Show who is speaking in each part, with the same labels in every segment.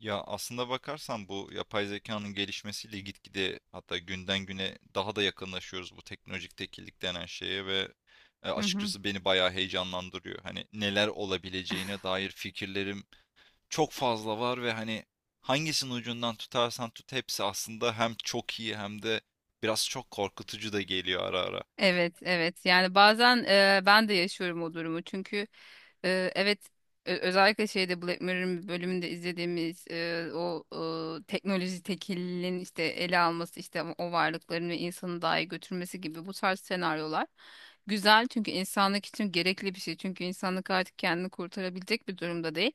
Speaker 1: Ya aslında bakarsan bu yapay zekanın gelişmesiyle gitgide hatta günden güne daha da yakınlaşıyoruz bu teknolojik tekillik denen şeye ve
Speaker 2: Hı hı.
Speaker 1: açıkçası beni bayağı heyecanlandırıyor. Hani neler olabileceğine dair fikirlerim çok fazla var ve hani hangisinin ucundan tutarsan tut hepsi aslında hem çok iyi hem de biraz çok korkutucu da geliyor ara ara.
Speaker 2: Evet, evet. Yani bazen ben de yaşıyorum o durumu. Çünkü e, evet özellikle şeyde Black Mirror'ın bir bölümünde izlediğimiz teknoloji tekilinin işte ele alması işte o varlıkların ve insanı dahi götürmesi gibi bu tarz senaryolar güzel çünkü insanlık için gerekli bir şey. Çünkü insanlık artık kendini kurtarabilecek bir durumda değil.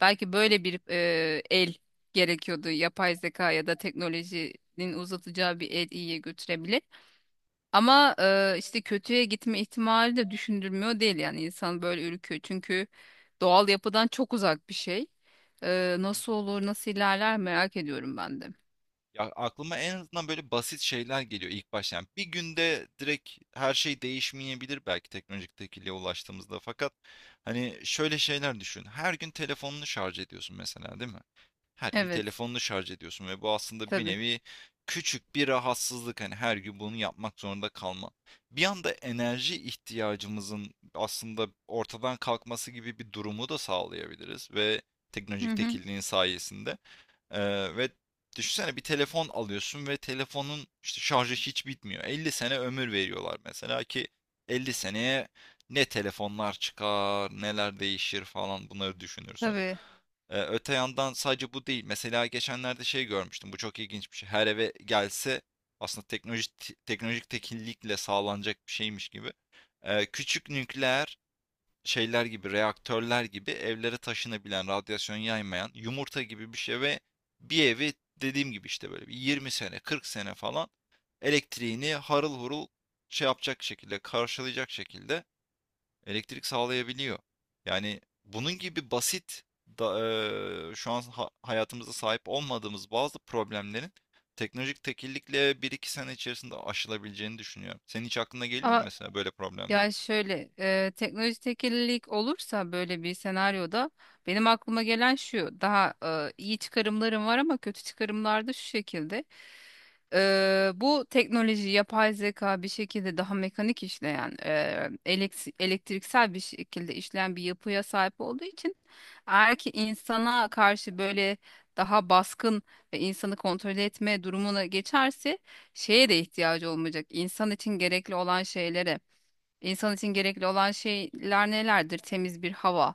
Speaker 2: Belki böyle bir el gerekiyordu. Yapay zeka ya da teknolojinin uzatacağı bir el iyiye götürebilir. Ama işte kötüye gitme ihtimali de düşündürmüyor değil, yani insan böyle ürküyor çünkü doğal yapıdan çok uzak bir şey.
Speaker 1: Hı
Speaker 2: Nasıl
Speaker 1: hı,
Speaker 2: olur,
Speaker 1: evet.
Speaker 2: nasıl ilerler merak ediyorum ben de.
Speaker 1: Ya aklıma en azından böyle basit şeyler geliyor ilk başta. Yani bir günde direkt her şey değişmeyebilir belki teknolojik tekilliğe ulaştığımızda. Fakat hani şöyle şeyler düşün. Her gün telefonunu şarj ediyorsun mesela değil mi? Her gün
Speaker 2: Evet,
Speaker 1: telefonunu şarj ediyorsun ve bu aslında bir
Speaker 2: tabii.
Speaker 1: nevi küçük bir rahatsızlık. Hani her gün bunu yapmak zorunda kalma. Bir anda enerji ihtiyacımızın aslında ortadan kalkması gibi bir durumu da sağlayabiliriz ve
Speaker 2: Hı
Speaker 1: teknolojik
Speaker 2: hı,
Speaker 1: tekilliğin sayesinde. Ve düşünsene bir telefon alıyorsun ve telefonun işte şarjı hiç bitmiyor. 50 sene ömür veriyorlar mesela ki 50 seneye ne telefonlar çıkar, neler değişir falan bunları düşünürsün.
Speaker 2: tabii.
Speaker 1: Öte yandan sadece bu değil. Mesela geçenlerde şey görmüştüm. Bu çok ilginç bir şey. Her eve gelse aslında teknolojik tekillikle sağlanacak bir şeymiş gibi. Küçük nükleer şeyler gibi, reaktörler gibi evlere taşınabilen, radyasyon yaymayan yumurta gibi bir şey ve bir evi dediğim gibi işte böyle bir 20 sene, 40 sene falan elektriğini harıl hurul şey yapacak şekilde, karşılayacak şekilde elektrik sağlayabiliyor. Yani bunun gibi basit da, şu an hayatımızda sahip olmadığımız bazı problemlerin teknolojik tekillikle bir iki sene içerisinde aşılabileceğini düşünüyorum. Senin hiç aklına geliyor mu
Speaker 2: Ama
Speaker 1: mesela böyle problemler?
Speaker 2: ya şöyle, teknoloji tekillik olursa böyle bir senaryoda benim aklıma gelen şu, daha iyi çıkarımlarım var ama kötü çıkarımlar da şu şekilde. Bu teknoloji, yapay zeka bir şekilde daha mekanik işleyen, elektriksel bir şekilde işleyen bir yapıya sahip olduğu için, eğer ki insana karşı böyle daha baskın ve insanı kontrol etme durumuna geçerse, şeye de ihtiyacı olmayacak. İnsan için gerekli olan şeylere. İnsan için gerekli olan şeyler nelerdir? Temiz bir hava,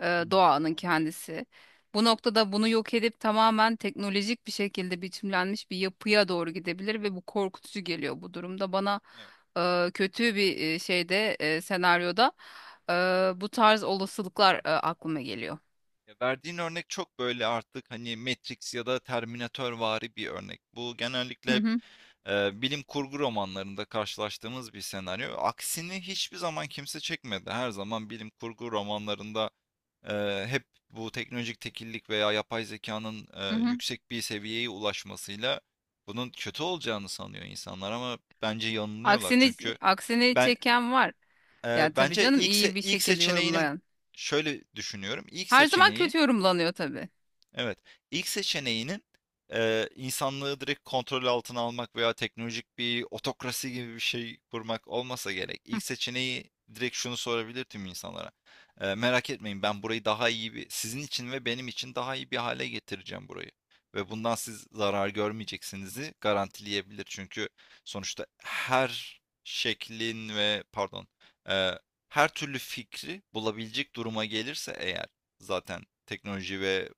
Speaker 2: e,
Speaker 1: Hmm,
Speaker 2: doğanın
Speaker 1: anlıyorum.
Speaker 2: kendisi. Bu noktada bunu yok edip tamamen teknolojik bir şekilde biçimlenmiş bir yapıya doğru gidebilir ve bu korkutucu geliyor bu durumda. Bana
Speaker 1: Evet.
Speaker 2: kötü bir senaryoda e, bu tarz olasılıklar aklıma geliyor.
Speaker 1: Ya verdiğin örnek çok böyle artık hani Matrix ya da Terminatorvari bir örnek. Bu genellikle
Speaker 2: Hı
Speaker 1: hep
Speaker 2: hı,
Speaker 1: bilim kurgu romanlarında karşılaştığımız bir senaryo. Aksini hiçbir zaman kimse çekmedi. Her zaman bilim kurgu romanlarında hep bu teknolojik tekillik veya yapay zekanın
Speaker 2: hı hı.
Speaker 1: yüksek bir seviyeye ulaşmasıyla bunun kötü olacağını sanıyor insanlar ama bence yanılıyorlar.
Speaker 2: Aksini
Speaker 1: Çünkü
Speaker 2: aksini
Speaker 1: ben
Speaker 2: çeken var. Ya tabii
Speaker 1: bence
Speaker 2: canım, iyi bir
Speaker 1: ilk
Speaker 2: şekilde
Speaker 1: seçeneğinin
Speaker 2: yorumlayan.
Speaker 1: şöyle düşünüyorum. İlk
Speaker 2: Her zaman
Speaker 1: seçeneği.
Speaker 2: kötü yorumlanıyor tabii.
Speaker 1: Evet. İlk seçeneğinin insanlığı direkt kontrol altına almak veya teknolojik bir otokrasi gibi bir şey kurmak olmasa gerek.
Speaker 2: Hı,
Speaker 1: İlk seçeneği direkt şunu sorabilir tüm insanlara. Merak etmeyin ben burayı daha iyi bir, sizin için ve benim için daha iyi bir hale getireceğim burayı. Ve bundan siz zarar görmeyeceksinizi garantileyebilir. Çünkü sonuçta her şeklin ve pardon eee, her türlü fikri bulabilecek duruma gelirse eğer zaten teknoloji ve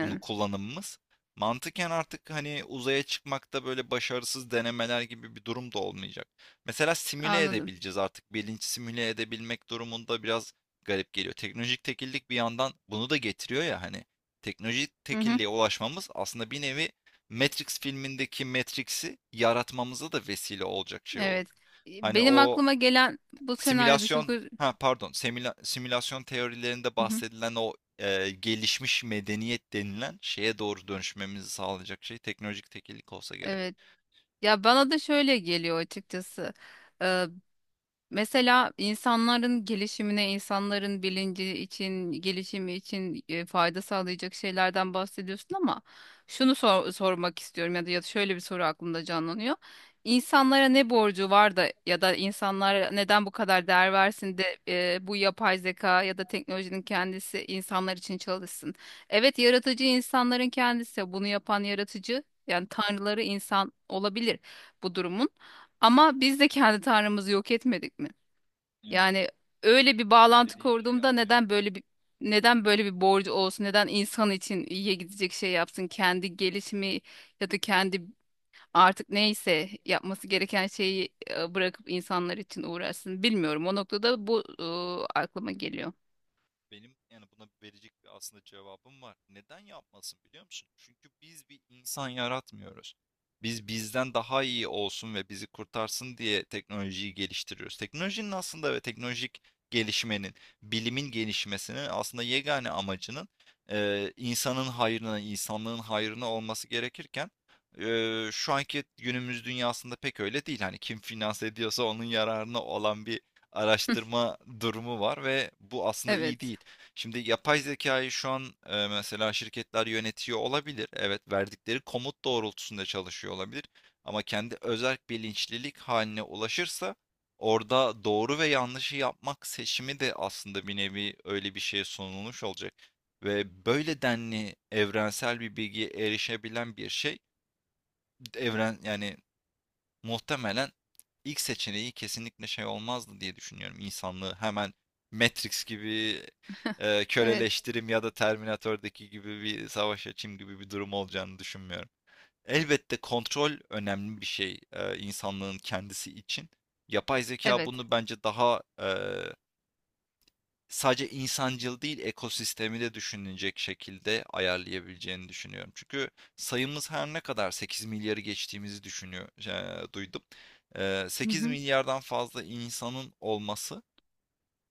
Speaker 1: bunu kullanımımız. Mantıken artık hani uzaya çıkmakta böyle başarısız denemeler gibi bir durum da olmayacak. Mesela simüle
Speaker 2: Anladım.
Speaker 1: edebileceğiz artık. Bilinç simüle edebilmek durumunda biraz garip geliyor. Teknolojik tekillik bir yandan bunu da getiriyor ya hani. Teknolojik
Speaker 2: Hı hı.
Speaker 1: tekilliğe ulaşmamız aslında bir nevi Matrix filmindeki Matrix'i yaratmamıza da vesile olacak şey olur.
Speaker 2: Evet.
Speaker 1: Hani
Speaker 2: Benim
Speaker 1: o
Speaker 2: aklıma gelen bu senaryoda çok
Speaker 1: simülasyon,
Speaker 2: öz-
Speaker 1: ha pardon, simülasyon teorilerinde
Speaker 2: Hı hı.
Speaker 1: bahsedilen o gelişmiş medeniyet denilen şeye doğru dönüşmemizi sağlayacak şey teknolojik tekillik olsa gerek.
Speaker 2: Evet. Ya bana da şöyle geliyor açıkçası. Mesela insanların gelişimine, insanların bilinci için, gelişimi için fayda sağlayacak şeylerden bahsediyorsun ama şunu sor- sormak istiyorum, ya da, ya da şöyle bir soru aklımda canlanıyor. İnsanlara ne borcu var, da ya da insanlara neden bu kadar değer versin de bu yapay zeka ya da teknolojinin kendisi insanlar için çalışsın. Evet, yaratıcı insanların kendisi bunu yapan yaratıcı, yani tanrıları insan olabilir bu durumun, ama biz de kendi tanrımızı yok etmedik mi?
Speaker 1: Evet.
Speaker 2: Yani öyle bir bağlantı
Speaker 1: Dediğin şeyi
Speaker 2: kurduğumda
Speaker 1: anlıyorum.
Speaker 2: neden böyle bir borcu olsun? Neden insan için iyiye gidecek şey yapsın? Kendi gelişimi ya da kendi artık neyse yapması gereken şeyi bırakıp insanlar için uğraşsın. Bilmiyorum. O noktada bu aklıma geliyor.
Speaker 1: Benim yani buna verecek bir aslında cevabım var. Neden yapmasın biliyor musun? Çünkü biz bir insan yaratmıyoruz. Biz bizden daha iyi olsun ve bizi kurtarsın diye teknolojiyi geliştiriyoruz. Teknolojinin aslında ve teknolojik gelişmenin, bilimin gelişmesinin aslında yegane amacının insanın hayrına, insanlığın hayrına olması gerekirken şu anki günümüz dünyasında pek öyle değil. Hani kim finanse ediyorsa onun yararına olan bir
Speaker 2: Hı,
Speaker 1: araştırma durumu var ve bu aslında iyi
Speaker 2: evet.
Speaker 1: değil. Şimdi yapay zekayı şu an mesela şirketler yönetiyor olabilir. Evet, verdikleri komut doğrultusunda çalışıyor olabilir. Ama kendi özerk bilinçlilik haline ulaşırsa orada doğru ve yanlışı yapmak seçimi de aslında bir nevi öyle bir şeye sunulmuş olacak. Ve böyle denli evrensel bir bilgiye erişebilen bir şey evren yani muhtemelen ilk seçeneği kesinlikle şey olmazdı diye düşünüyorum. İnsanlığı hemen Matrix gibi
Speaker 2: Evet.
Speaker 1: köleleştirim ya da Terminator'daki gibi bir savaş açayım gibi bir durum olacağını düşünmüyorum. Elbette kontrol önemli bir şey insanlığın kendisi için. Yapay zeka
Speaker 2: Evet.
Speaker 1: bunu bence daha sadece insancıl değil ekosistemi de düşünülecek şekilde ayarlayabileceğini düşünüyorum. Çünkü sayımız her ne kadar 8 milyarı geçtiğimizi düşünüyor, duydum.
Speaker 2: Hı
Speaker 1: 8
Speaker 2: hı.
Speaker 1: milyardan fazla insanın olması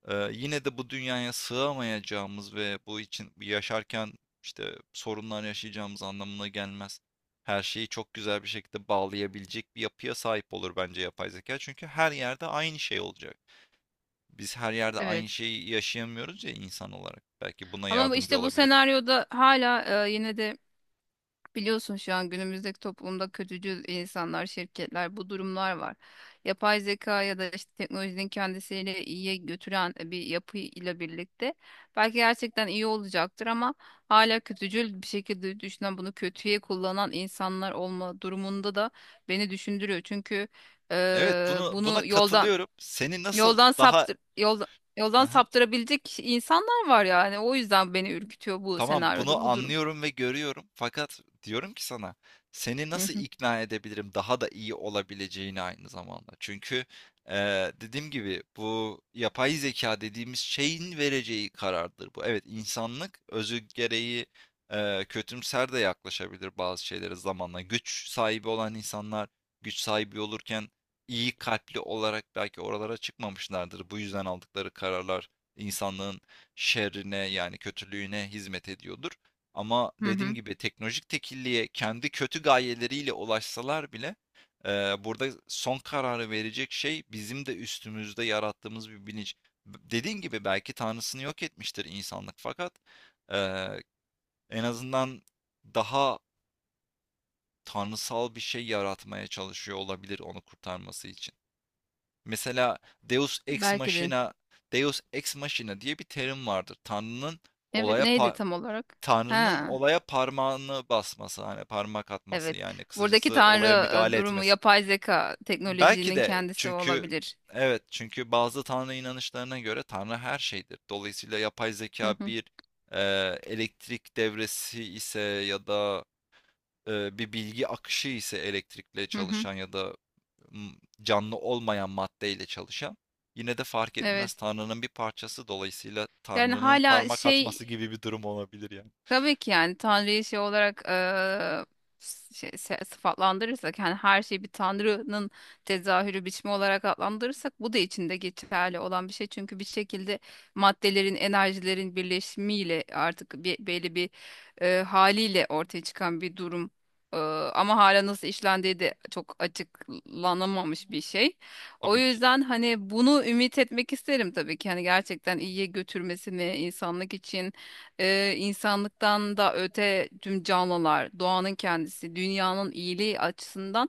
Speaker 1: yine de bu dünyaya sığamayacağımız ve bu için yaşarken işte sorunlar yaşayacağımız anlamına gelmez. Her şeyi çok güzel bir şekilde bağlayabilecek bir yapıya sahip olur bence yapay zeka. Çünkü her yerde aynı şey olacak. Biz her yerde aynı
Speaker 2: Evet.
Speaker 1: şeyi yaşayamıyoruz ya insan olarak. Belki buna
Speaker 2: Ama bu-
Speaker 1: yardımcı
Speaker 2: işte bu
Speaker 1: olabilir.
Speaker 2: senaryoda hala yine de biliyorsun şu an günümüzdeki toplumda kötücül insanlar, şirketler, bu durumlar var. Yapay zeka ya da işte teknolojinin kendisiyle iyiye götüren bir yapıyla birlikte belki gerçekten iyi olacaktır ama hala kötücül bir şekilde düşünen, bunu kötüye kullanan insanlar olma durumunda da beni düşündürüyor. Çünkü
Speaker 1: Evet, buna
Speaker 2: bunu
Speaker 1: katılıyorum. Seni nasıl
Speaker 2: yoldan
Speaker 1: daha.
Speaker 2: saptır yoldan yoldan
Speaker 1: Aha.
Speaker 2: saptırabilecek insanlar var yani. O yüzden beni ürkütüyor bu
Speaker 1: Tamam,
Speaker 2: senaryoda
Speaker 1: bunu
Speaker 2: bu durum.
Speaker 1: anlıyorum ve görüyorum. Fakat diyorum ki sana, seni
Speaker 2: Hı
Speaker 1: nasıl
Speaker 2: hı.
Speaker 1: ikna edebilirim daha da iyi olabileceğini aynı zamanda. Çünkü dediğim gibi bu yapay zeka dediğimiz şeyin vereceği karardır bu. Evet, insanlık özü gereği kötümser de yaklaşabilir bazı şeylere zamanla. Güç sahibi olan insanlar güç sahibi olurken iyi kalpli olarak belki oralara çıkmamışlardır. Bu yüzden aldıkları kararlar insanlığın şerrine yani kötülüğüne hizmet ediyordur. Ama
Speaker 2: Hı
Speaker 1: dediğim
Speaker 2: hı.
Speaker 1: gibi teknolojik tekilliğe kendi kötü gayeleriyle ulaşsalar bile burada son kararı verecek şey bizim de üstümüzde yarattığımız bir bilinç. Dediğim gibi belki tanrısını yok etmiştir insanlık fakat eee, en azından daha tanrısal bir şey yaratmaya çalışıyor olabilir onu kurtarması için. Mesela Deus Ex
Speaker 2: Belki de.
Speaker 1: Machina, Deus Ex Machina diye bir terim vardır.
Speaker 2: Evet,
Speaker 1: Olaya
Speaker 2: neydi
Speaker 1: pa-
Speaker 2: tam olarak?
Speaker 1: Tanrı'nın
Speaker 2: Ha,
Speaker 1: olaya parmağını basması, hani parmak atması
Speaker 2: evet.
Speaker 1: yani
Speaker 2: Buradaki
Speaker 1: kısacası olaya
Speaker 2: tanrı
Speaker 1: müdahale
Speaker 2: durumu
Speaker 1: etmesi.
Speaker 2: yapay zeka,
Speaker 1: Belki
Speaker 2: teknolojinin
Speaker 1: de
Speaker 2: kendisi
Speaker 1: çünkü
Speaker 2: olabilir.
Speaker 1: evet çünkü bazı Tanrı inanışlarına göre Tanrı her şeydir. Dolayısıyla yapay zeka
Speaker 2: Hı hı,
Speaker 1: bir e, elektrik devresi ise ya da bir bilgi akışı ise elektrikle
Speaker 2: hı hı.
Speaker 1: çalışan ya da m, canlı olmayan maddeyle çalışan yine de fark etmez
Speaker 2: Evet.
Speaker 1: Tanrı'nın bir parçası dolayısıyla
Speaker 2: Yani
Speaker 1: Tanrı'nın
Speaker 2: hala
Speaker 1: parmak
Speaker 2: şey,
Speaker 1: atması gibi bir durum olabilir yani
Speaker 2: tabii ki yani Tanrı'yı şey olarak, sıfatlandırırsak, yani her şeyi bir Tanrı'nın tezahürü biçimi olarak adlandırırsak, bu da içinde geçerli olan bir şey. Çünkü bir şekilde maddelerin, enerjilerin birleşimiyle artık bir, belli bir haliyle ortaya çıkan bir durum. Eee, Ama hala nasıl işlendiği de çok açıklanamamış bir şey. O
Speaker 1: tabii ki.
Speaker 2: yüzden hani bunu ümit etmek isterim tabii ki. Hani gerçekten iyiye götürmesini insanlık için, insanlıktan da öte tüm canlılar, doğanın kendisi, dünyanın iyiliği açısından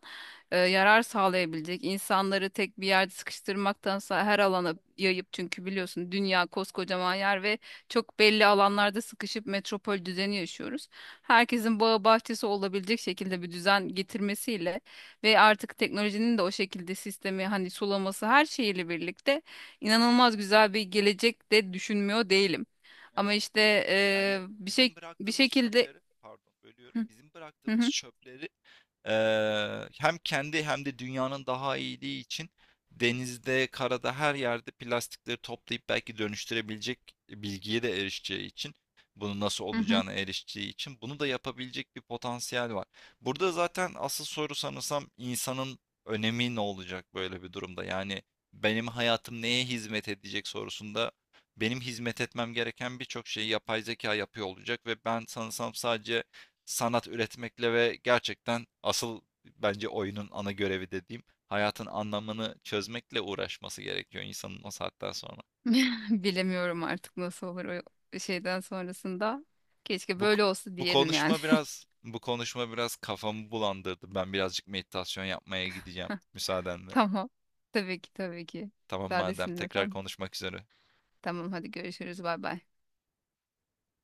Speaker 2: yarar sağlayabilecek. İnsanları tek bir yerde sıkıştırmaktansa her alana yayıp, çünkü biliyorsun dünya koskocaman yer ve çok belli alanlarda sıkışıp metropol düzeni yaşıyoruz. Herkesin bağı bahçesi olabilecek şekilde bir düzen getirmesiyle ve artık teknolojinin de o şekilde sistemi hani sulaması her şeyiyle birlikte inanılmaz güzel bir gelecek de düşünmüyor değilim. Ama
Speaker 1: Evet.
Speaker 2: işte
Speaker 1: Yani
Speaker 2: bir
Speaker 1: bizim
Speaker 2: şey bir
Speaker 1: bıraktığımız
Speaker 2: şekilde
Speaker 1: çöpleri, pardon bölüyorum,
Speaker 2: hı,
Speaker 1: bizim
Speaker 2: hı
Speaker 1: bıraktığımız
Speaker 2: hı,
Speaker 1: çöpleri hem kendi hem de dünyanın daha iyiliği için denizde, karada her yerde plastikleri toplayıp belki dönüştürebilecek bilgiye de erişeceği için bunun nasıl
Speaker 2: hı hı.
Speaker 1: olacağına erişeceği için bunu da yapabilecek bir potansiyel var. Burada zaten asıl soru sanırsam insanın önemi ne olacak böyle bir durumda? Yani benim hayatım neye hizmet edecek sorusunda benim hizmet etmem gereken birçok şeyi yapay zeka yapıyor olacak ve ben sanırsam sadece sanat üretmekle ve gerçekten asıl bence oyunun ana görevi dediğim hayatın anlamını çözmekle uğraşması gerekiyor insanın o saatten sonra.
Speaker 2: Bilemiyorum artık nasıl olur o şeyden sonrasında. Keşke
Speaker 1: Bu
Speaker 2: böyle olsa
Speaker 1: bu
Speaker 2: diyelim yani.
Speaker 1: konuşma biraz bu konuşma biraz kafamı bulandırdı. Ben birazcık meditasyon yapmaya gideceğim müsaadenle.
Speaker 2: Tamam. Tabii ki, tabii ki.
Speaker 1: Tamam madem
Speaker 2: Müsaadesin
Speaker 1: tekrar
Speaker 2: efendim.
Speaker 1: konuşmak üzere.
Speaker 2: Tamam, hadi görüşürüz. Bay bay.